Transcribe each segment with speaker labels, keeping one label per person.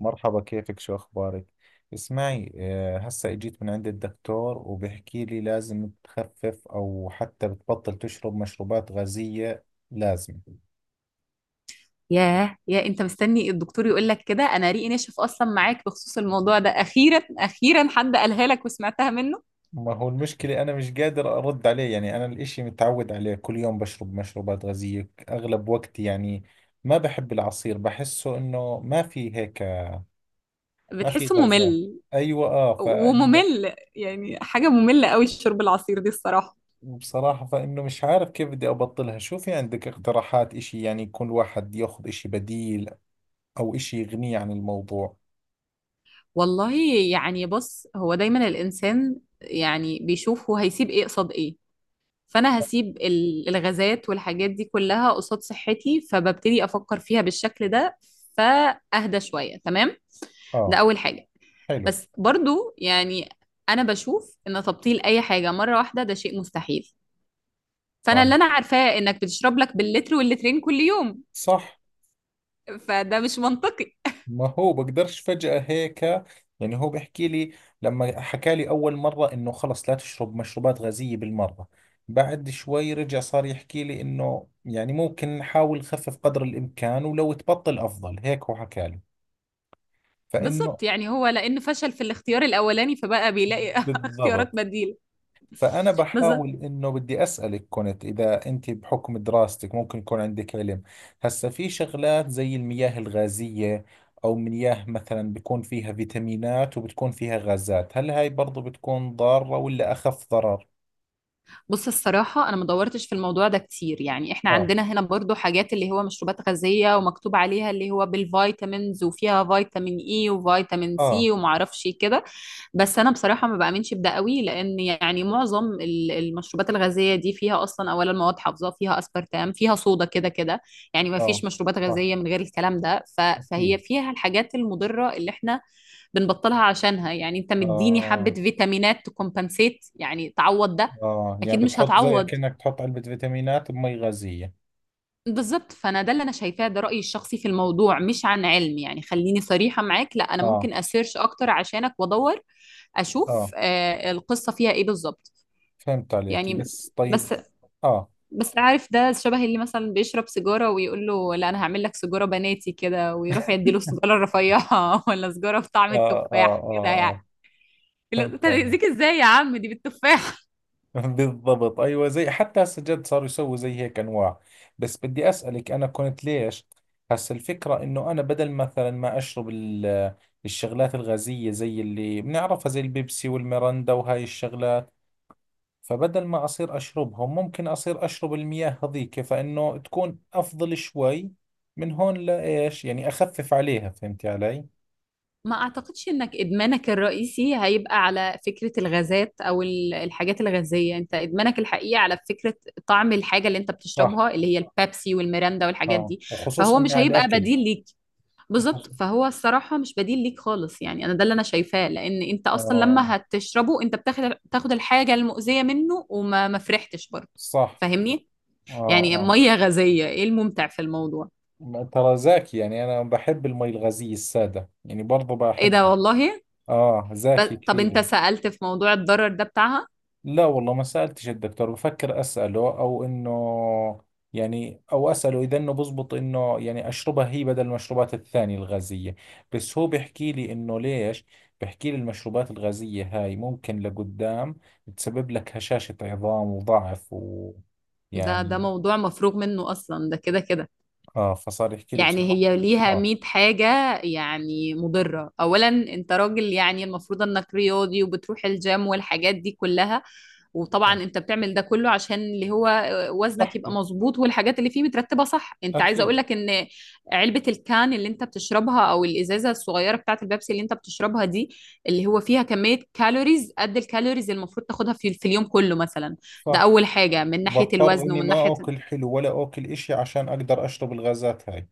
Speaker 1: مرحبا، كيفك؟ شو أخبارك؟ اسمعي هسا اجيت من عند الدكتور وبحكي لي لازم تخفف أو حتى بتبطل تشرب مشروبات غازية. لازم.
Speaker 2: ياه، يا انت مستني الدكتور يقول لك كده؟ انا ريقي ناشف اصلا معاك بخصوص الموضوع ده. اخيرا اخيرا حد قالها لك وسمعتها منه.
Speaker 1: ما هو المشكلة أنا مش قادر أرد عليه. يعني أنا الإشي متعود عليه، كل يوم بشرب مشروبات غازية أغلب وقتي. يعني ما بحب العصير، بحسه إنه ما في هيك، ما في
Speaker 2: بتحسه
Speaker 1: غازات.
Speaker 2: ممل
Speaker 1: أيوة. فإنه
Speaker 2: وممل، يعني حاجه ممله قوي الشرب العصير دي الصراحه.
Speaker 1: بصراحة فإنه مش عارف كيف بدي أبطلها. شو في عندك اقتراحات؟ إشي يعني يكون الواحد ياخذ إشي بديل او اشي يغنيه عن الموضوع.
Speaker 2: والله يعني بص، هو دايما الانسان يعني بيشوف هو هيسيب ايه قصاد ايه. فانا هسيب الغازات والحاجات دي كلها قصاد صحتي، فببتدي افكر فيها بالشكل ده، فاهدى شويه تمام. ده
Speaker 1: اه.
Speaker 2: اول حاجه.
Speaker 1: حلو.
Speaker 2: بس برضو يعني انا بشوف ان تبطيل اي حاجه مره واحده ده شيء مستحيل.
Speaker 1: آه.
Speaker 2: فانا اللي انا عارفاه انك بتشرب لك باللتر واللترين كل يوم،
Speaker 1: صح.
Speaker 2: فده مش منطقي.
Speaker 1: ما هو بقدرش فجأة هيك. يعني هو بيحكي لي، لما حكى لي اول مرة انه خلص لا تشرب مشروبات غازية بالمرة، بعد شوي رجع صار يحكي لي انه يعني ممكن نحاول نخفف قدر الامكان، ولو تبطل افضل، هيك هو حكى لي فانه.
Speaker 2: بالظبط، يعني هو لانه فشل في الاختيار الاولاني فبقى بيلاقي اختيارات
Speaker 1: بالضبط.
Speaker 2: بديله.
Speaker 1: فأنا بحاول،
Speaker 2: بالظبط.
Speaker 1: إنه بدي أسألك كنت، إذا أنت بحكم دراستك ممكن يكون عندك علم، هسا في شغلات زي المياه الغازية أو مياه مثلا بيكون فيها فيتامينات وبتكون فيها غازات، هل هاي برضو بتكون ضارة ولا أخف ضرر؟
Speaker 2: بص الصراحه انا ما دورتش في الموضوع ده كتير. يعني احنا
Speaker 1: آه.
Speaker 2: عندنا هنا برضو حاجات اللي هو مشروبات غازيه ومكتوب عليها اللي هو بالفيتامينز، وفيها فيتامين اي وفيتامين
Speaker 1: آه.
Speaker 2: سي ومعرفش كده. بس انا بصراحه ما بامنش بده قوي، لان يعني معظم المشروبات الغازيه دي فيها اصلا اولا مواد حافظه، فيها اسبرتام، فيها صودا، كده كده. يعني ما
Speaker 1: آه.
Speaker 2: فيش مشروبات
Speaker 1: صح.
Speaker 2: غازيه من غير الكلام ده. فهي
Speaker 1: أكيد.
Speaker 2: فيها الحاجات المضره اللي احنا بنبطلها عشانها. يعني انت مديني حبه
Speaker 1: آه.
Speaker 2: فيتامينات تكمبنسيت يعني تعوض ده؟
Speaker 1: آه يعني
Speaker 2: اكيد مش
Speaker 1: بتحط زي
Speaker 2: هتعوض.
Speaker 1: كأنك تحط علبة فيتامينات بمي غازية.
Speaker 2: بالضبط، فانا ده اللي انا شايفاه، ده رايي الشخصي في الموضوع مش عن علم. يعني خليني صريحه معاك، لا، انا
Speaker 1: آه.
Speaker 2: ممكن اسيرش اكتر عشانك وادور، اشوف
Speaker 1: آه
Speaker 2: آه القصه فيها ايه بالظبط.
Speaker 1: فهمت عليك،
Speaker 2: يعني
Speaker 1: بس طيب.
Speaker 2: بس،
Speaker 1: آه.
Speaker 2: عارف، ده شبه اللي مثلا بيشرب سيجاره ويقول له لا، انا هعمل لك سيجاره بناتي كده، ويروح يدي له السيجاره الرفيعه ولا سيجاره بطعم
Speaker 1: آه.
Speaker 2: التفاح كده يعني.
Speaker 1: آه.
Speaker 2: لا، انت
Speaker 1: فهمت
Speaker 2: هتأذيك
Speaker 1: عليك.
Speaker 2: ازاي يا عم؟ دي بالتفاح.
Speaker 1: بالضبط، ايوه، زي حتى هسه جد صاروا يسووا زي هيك انواع. بس بدي اسالك، انا كنت ليش، هسه الفكره انه انا بدل مثلا ما اشرب الشغلات الغازيه زي اللي بنعرفها، زي البيبسي والميرندا وهاي الشغلات، فبدل ما اصير اشربهم ممكن اصير اشرب المياه هذيك، فانه تكون افضل شوي من هون، لايش يعني؟ اخفف عليها، فهمتي علي؟
Speaker 2: ما اعتقدش انك ادمانك الرئيسي هيبقى على فكرة الغازات او الحاجات الغازية، انت ادمانك الحقيقي على فكرة طعم الحاجة اللي انت
Speaker 1: صح.
Speaker 2: بتشربها، اللي هي البيبسي والميرندا والحاجات
Speaker 1: اه،
Speaker 2: دي. فهو
Speaker 1: وخصوصا
Speaker 2: مش
Speaker 1: مع
Speaker 2: هيبقى
Speaker 1: الاكل.
Speaker 2: بديل ليك.
Speaker 1: وخصوصا.
Speaker 2: بالظبط، فهو الصراحة مش بديل ليك خالص. يعني انا ده اللي انا شايفاه، لان انت اصلا
Speaker 1: اه.
Speaker 2: لما هتشربه انت بتاخد الحاجة المؤذية منه، وما ما فرحتش برضه.
Speaker 1: صح.
Speaker 2: فاهمني؟
Speaker 1: اه.
Speaker 2: يعني
Speaker 1: آه.
Speaker 2: مية غازية، ايه الممتع في الموضوع؟
Speaker 1: ما- ترى زاكي، يعني أنا بحب المي الغازية السادة، يعني برضو
Speaker 2: ايه ده
Speaker 1: بحبها.
Speaker 2: والله.
Speaker 1: آه،
Speaker 2: ب...
Speaker 1: زاكي
Speaker 2: طب انت
Speaker 1: كثير.
Speaker 2: سألت في موضوع الضرر ده بتاعها؟
Speaker 1: لا والله ما سألتش الدكتور، بفكر أسأله أو إنه، يعني أو أسأله إذا إنه بزبط إنه يعني أشربها هي بدل المشروبات الثانية الغازية. بس هو بيحكي لي إنه ليش، بيحكي لي المشروبات الغازية هاي ممكن لقدام تسبب لك هشاشة عظام وضعف
Speaker 2: ده
Speaker 1: ويعني.
Speaker 2: موضوع مفروغ منه اصلا، ده كده كده.
Speaker 1: آه، فصار يحكي لي
Speaker 2: يعني
Speaker 1: بصراحة.
Speaker 2: هي ليها
Speaker 1: آه.
Speaker 2: 100 حاجة يعني مضرة. اولا انت راجل، يعني المفروض انك رياضي وبتروح الجيم والحاجات دي كلها،
Speaker 1: آه.
Speaker 2: وطبعا انت بتعمل ده كله عشان اللي هو وزنك يبقى
Speaker 1: صحتي.
Speaker 2: مظبوط، والحاجات اللي فيه مترتبة صح. انت عايزة اقول
Speaker 1: أكيد.
Speaker 2: لك ان علبة الكان اللي انت بتشربها او الازازة الصغيرة بتاعت البيبسي اللي انت بتشربها دي، اللي هو فيها كمية كالوريز قد الكالوريز اللي المفروض تاخدها في اليوم كله مثلا. ده
Speaker 1: صح.
Speaker 2: أول حاجة من ناحية
Speaker 1: وبضطر
Speaker 2: الوزن.
Speaker 1: اني
Speaker 2: ومن
Speaker 1: ما
Speaker 2: ناحية
Speaker 1: اكل حلو ولا اكل اشي عشان اقدر اشرب الغازات هاي.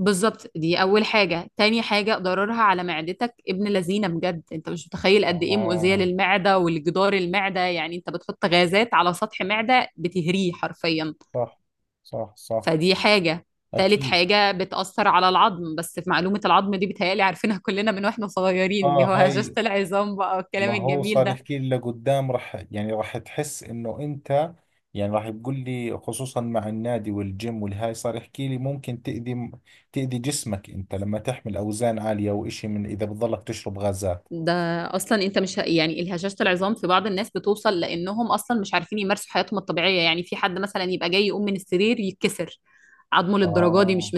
Speaker 2: بالظبط دي اول حاجه. تاني حاجه، ضررها على معدتك ابن لذينه بجد، انت مش متخيل قد ايه مؤذيه
Speaker 1: اه.
Speaker 2: للمعده والجدار المعده. يعني انت بتحط غازات على سطح معده، بتهريه حرفيا.
Speaker 1: صح. صح.
Speaker 2: فدي حاجه. تالت
Speaker 1: اكيد.
Speaker 2: حاجه، بتاثر على العظم. بس في معلومه العظم دي بتهيالي عارفينها كلنا من واحنا صغيرين، اللي
Speaker 1: اه.
Speaker 2: هو هشاشه
Speaker 1: هاي،
Speaker 2: العظام بقى
Speaker 1: ما
Speaker 2: والكلام
Speaker 1: هو
Speaker 2: الجميل
Speaker 1: صار
Speaker 2: ده.
Speaker 1: يحكي لي لقدام رح، يعني رح تحس انه انت، يعني راح يقول لي خصوصا مع النادي والجيم والهاي، صار يحكي لي ممكن تأذي جسمك انت، لما تحمل اوزان عالية واشي، من اذا بتضلك تشرب غازات.
Speaker 2: ده اصلا انت مش ه- يعني الهشاشه العظام في بعض الناس بتوصل لانهم اصلا مش عارفين يمارسوا حياتهم الطبيعيه. يعني في حد مثلا يبقى جاي يقوم من السرير يتكسر عظمه للدرجه دي؟
Speaker 1: اه،
Speaker 2: مش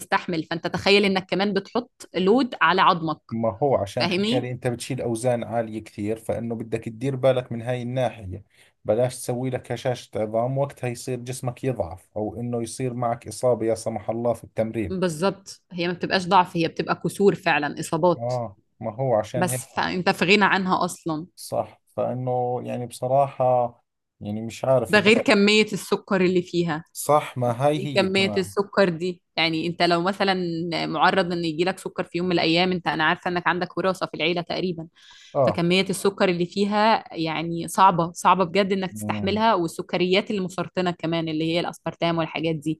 Speaker 2: مستحمل. فانت تخيل انك كمان بتحط لود على عظمك.
Speaker 1: ما هو عشان حكى
Speaker 2: فاهمني؟
Speaker 1: لي انت بتشيل اوزان عالية كثير، فانه بدك تدير بالك من هاي الناحية. بلاش تسوي لك هشاشة عظام، وقتها يصير جسمك يضعف او انه يصير معك اصابة لا سمح الله في التمرين.
Speaker 2: بالظبط، هي ما بتبقاش ضعف، هي بتبقى كسور فعلا، اصابات.
Speaker 1: اه، ما هو عشان هيك.
Speaker 2: بس فانت في غنى عنها اصلا.
Speaker 1: صح. فانه يعني بصراحة، يعني مش عارف
Speaker 2: ده غير
Speaker 1: برأيي.
Speaker 2: كميه السكر اللي فيها.
Speaker 1: صح، ما هاي هي
Speaker 2: كمية
Speaker 1: كمان.
Speaker 2: السكر دي يعني انت لو مثلا معرض ان يجيلك سكر في يوم من الايام، انت انا عارفة انك عندك وراثة في العيلة تقريبا.
Speaker 1: اه.
Speaker 2: فكمية السكر اللي فيها يعني صعبة صعبة بجد انك
Speaker 1: امم
Speaker 2: تستحملها، والسكريات المسرطنة كمان اللي هي الاسبرتام والحاجات دي.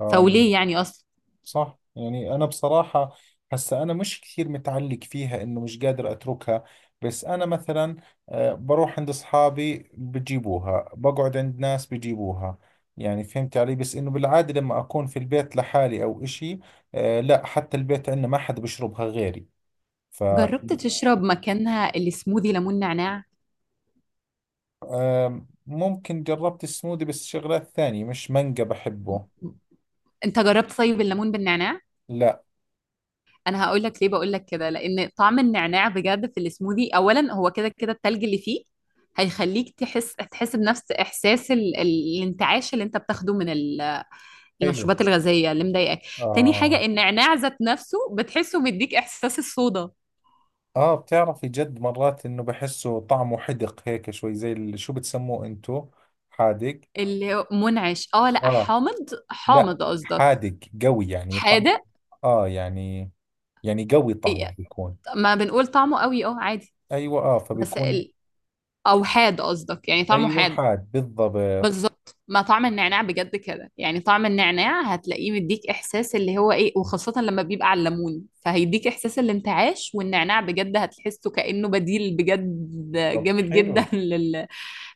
Speaker 1: اه، يعني.
Speaker 2: فوليه يعني اصلا؟
Speaker 1: صح. يعني أنا بصراحة، هسا أنا مش كثير متعلق فيها إنه مش قادر أتركها. بس أنا مثلا، بروح عند أصحابي بجيبوها، بقعد عند ناس بجيبوها، يعني، فهمت علي؟ بس إنه بالعادة لما أكون في البيت لحالي أو إشي، لا حتى البيت عندنا ما حدا بشربها غيري. ف
Speaker 2: جربت تشرب مكانها السموذي ليمون نعناع؟
Speaker 1: ممكن جربت السموذي بس شغلات ثانية، مش مانجا بحبه.
Speaker 2: انت جربت طيب الليمون بالنعناع؟
Speaker 1: لا.
Speaker 2: انا هقول لك ليه بقول لك كده، لان طعم النعناع بجد في السموذي اولا هو كده كده التلج اللي فيه هيخليك تحس بنفس احساس الانتعاش اللي انت بتاخده من
Speaker 1: حلو.
Speaker 2: المشروبات الغازيه اللي مضايقاك. تاني
Speaker 1: آه.
Speaker 2: حاجه، النعناع ذات نفسه بتحسه مديك احساس الصودا
Speaker 1: اه بتعرفي جد، مرات انه بحسه طعمه حدق هيك شوي، زي شو بتسموه انتو. حادق.
Speaker 2: اللي هو منعش. اه لا،
Speaker 1: اه،
Speaker 2: حامض.
Speaker 1: لا،
Speaker 2: حامض قصدك؟
Speaker 1: حادق قوي، يعني طعم.
Speaker 2: حادق.
Speaker 1: اه يعني، يعني قوي
Speaker 2: إيه،
Speaker 1: طعمه بيكون.
Speaker 2: ما بنقول طعمه قوي اه عادي.
Speaker 1: ايوه، اه،
Speaker 2: بس
Speaker 1: فبيكون.
Speaker 2: ال... او حاد قصدك؟ يعني طعمه
Speaker 1: ايوه،
Speaker 2: حاد.
Speaker 1: حاد بالضبط.
Speaker 2: بالظبط. ما طعم النعناع بجد كده، يعني طعم النعناع هتلاقيه مديك احساس اللي هو ايه، وخاصة لما بيبقى على الليمون فهيديك احساس الانتعاش، والنعناع بجد هتحسه كأنه بديل بجد،
Speaker 1: طب
Speaker 2: جامد جدا
Speaker 1: حلو.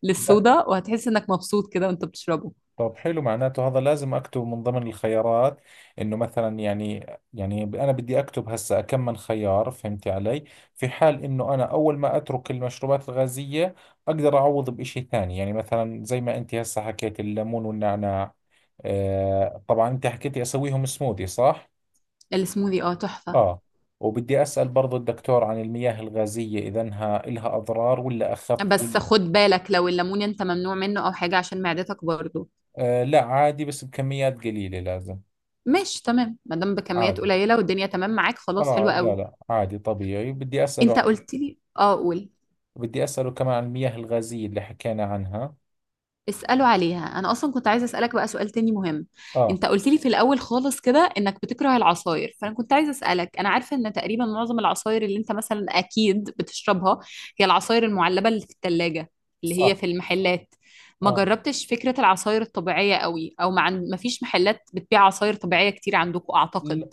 Speaker 2: للصودا، وهتحس انك مبسوط كده وانت بتشربه.
Speaker 1: طب حلو، معناته هذا لازم اكتبه من ضمن الخيارات، انه مثلا يعني، يعني انا بدي اكتب هسه كم من خيار، فهمتي علي؟ في حال انه انا اول ما اترك المشروبات الغازية اقدر اعوض بإشي ثاني، يعني مثلا زي ما انت هسه حكيت الليمون والنعناع. آه طبعا، انت حكيتي اسويهم سموذي صح؟
Speaker 2: السموذي اه تحفة.
Speaker 1: اه. وبدي اسأل برضو الدكتور عن المياه الغازية اذا إنها إلها اضرار ولا اخف
Speaker 2: بس
Speaker 1: ولا.
Speaker 2: خد بالك لو الليمون انت ممنوع منه او حاجة عشان معدتك برضه.
Speaker 1: آه لا عادي، بس بكميات قليلة لازم.
Speaker 2: ماشي تمام، ما دام بكميات
Speaker 1: عادي.
Speaker 2: قليلة والدنيا تمام معاك، خلاص
Speaker 1: آه
Speaker 2: حلوة
Speaker 1: لا
Speaker 2: قوي.
Speaker 1: لا، عادي طبيعي، بدي أسأله
Speaker 2: انت
Speaker 1: عن...
Speaker 2: قلت لي اه، قول.
Speaker 1: بدي أسأله كمان عن المياه الغازية اللي حكينا عنها.
Speaker 2: اسألوا عليها، انا اصلا كنت عايزة اسألك بقى سؤال تاني مهم.
Speaker 1: آه.
Speaker 2: انت قلت لي في الاول خالص كده انك بتكره العصاير، فانا كنت عايزة اسألك، انا عارفة ان تقريبا معظم العصاير اللي انت مثلا اكيد بتشربها هي العصاير المعلبة اللي في التلاجة، اللي هي
Speaker 1: صح.
Speaker 2: في المحلات. ما
Speaker 1: آه.
Speaker 2: جربتش فكرة العصاير الطبيعية قوي؟ او ما فيش محلات بتبيع عصاير طبيعية كتير عندكم اعتقد.
Speaker 1: ل-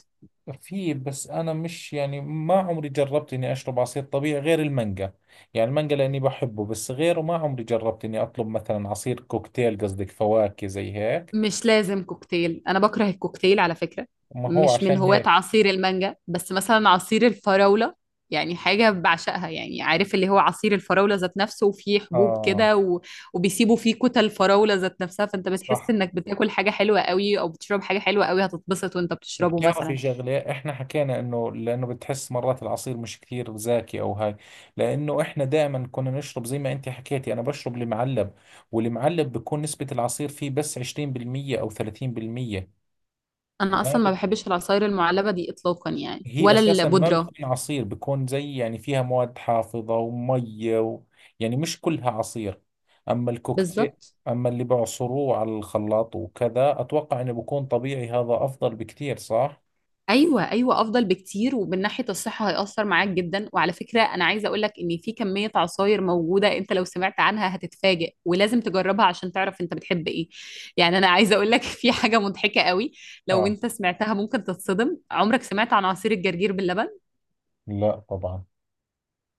Speaker 1: في، بس أنا مش يعني ما عمري جربت إني أشرب عصير طبيعي غير المانجا، يعني المانجا لأني بحبه، بس غيره ما عمري جربت إني أطلب مثلا عصير كوكتيل، قصدك فواكه زي هيك.
Speaker 2: مش لازم كوكتيل، انا بكره الكوكتيل على فكرة.
Speaker 1: ما هو
Speaker 2: مش من
Speaker 1: عشان
Speaker 2: هواة
Speaker 1: هيك.
Speaker 2: عصير المانجا، بس مثلا عصير الفراولة يعني حاجة بعشقها. يعني عارف اللي هو عصير الفراولة ذات نفسه وفيه حبوب
Speaker 1: آه.
Speaker 2: كده و... وبيسيبوا فيه كتل الفراولة ذات نفسها، فانت بتحس
Speaker 1: صح.
Speaker 2: انك بتاكل حاجة حلوة قوي او بتشرب حاجة حلوة قوي، هتتبسط وانت بتشربه
Speaker 1: وبتعرفي
Speaker 2: مثلا.
Speaker 1: شغلة، احنا حكينا انه لانه بتحس مرات العصير مش كثير زاكي او هاي، لانه احنا دائما كنا نشرب، زي ما انت حكيتي انا بشرب المعلب، والمعلب بكون نسبة العصير فيه بس 20% او 30%.
Speaker 2: انا
Speaker 1: ما
Speaker 2: اصلا ما
Speaker 1: بت...
Speaker 2: بحبش العصاير المعلبة دي اطلاقا يعني،
Speaker 1: هي
Speaker 2: ولا
Speaker 1: اساسا ما
Speaker 2: البودرة.
Speaker 1: بتكون عصير، بكون زي يعني فيها مواد حافظة ومية و... يعني مش كلها عصير. اما الكوكتيل،
Speaker 2: بالظبط.
Speaker 1: اما اللي بعصروه على الخلاط وكذا اتوقع انه بكون طبيعي، هذا افضل بكثير صح؟
Speaker 2: ايوه ايوه، افضل بكتير، ومن ناحيه الصحه هيأثر معاك جدا. وعلى فكره انا عايزه اقول لك ان في كميه عصاير موجوده، انت لو سمعت عنها هتتفاجئ، ولازم تجربها عشان تعرف انت بتحب ايه. يعني انا عايزه اقول لك في حاجه مضحكه قوي، لو
Speaker 1: اه.
Speaker 2: انت سمعتها ممكن تتصدم. عمرك سمعت عن عصير الجرجير باللبن؟
Speaker 1: لا طبعا.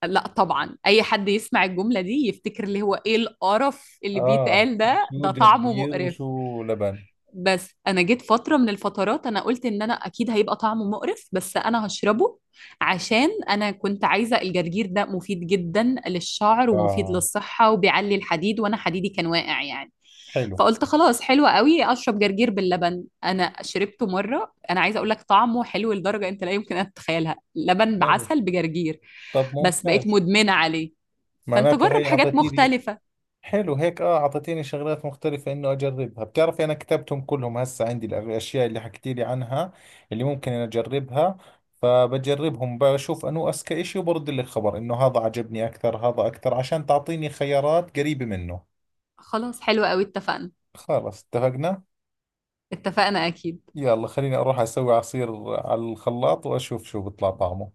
Speaker 2: لا طبعا، اي حد يسمع الجمله دي يفتكر اللي هو ايه القرف اللي
Speaker 1: اه،
Speaker 2: بيتقال ده،
Speaker 1: شو
Speaker 2: ده طعمه
Speaker 1: جرجير
Speaker 2: مقرف.
Speaker 1: وشو لبن.
Speaker 2: بس انا جيت فتره من الفترات انا قلت ان انا اكيد هيبقى طعمه مقرف بس انا هشربه، عشان انا كنت عايزه، الجرجير ده مفيد جدا للشعر ومفيد
Speaker 1: اه.
Speaker 2: للصحه وبيعلي الحديد، وانا حديدي كان واقع يعني.
Speaker 1: حلو.
Speaker 2: فقلت خلاص حلوة قوي اشرب جرجير باللبن. انا شربته مره، انا عايزه اقول لك طعمه حلو لدرجه انت لا يمكن ان تتخيلها، لبن
Speaker 1: حلو.
Speaker 2: بعسل بجرجير.
Speaker 1: طب
Speaker 2: بس بقيت
Speaker 1: ممتاز.
Speaker 2: مدمنه عليه. فانت
Speaker 1: معناته
Speaker 2: جرب
Speaker 1: هي
Speaker 2: حاجات
Speaker 1: اعطيتيني،
Speaker 2: مختلفه.
Speaker 1: حلو هيك، اه اعطيتيني شغلات مختلفة انه اجربها. بتعرفي انا كتبتهم كلهم هسه عندي، الاشياء اللي حكيتي لي عنها اللي ممكن انا اجربها، فبجربهم بشوف انو اذكى اشي، وبرد لك خبر انه هذا عجبني اكثر هذا اكثر، عشان تعطيني خيارات قريبة منه.
Speaker 2: خلاص حلوة قوي، اتفقنا.
Speaker 1: خلاص اتفقنا.
Speaker 2: اتفقنا اكيد.
Speaker 1: يلا خليني اروح اسوي عصير على الخلاط واشوف شو بيطلع طعمه.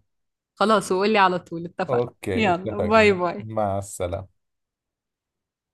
Speaker 2: خلاص، وقولي على طول اتفقنا.
Speaker 1: اوكي
Speaker 2: يلا، باي
Speaker 1: اتفقنا،
Speaker 2: باي.
Speaker 1: مع السلامة.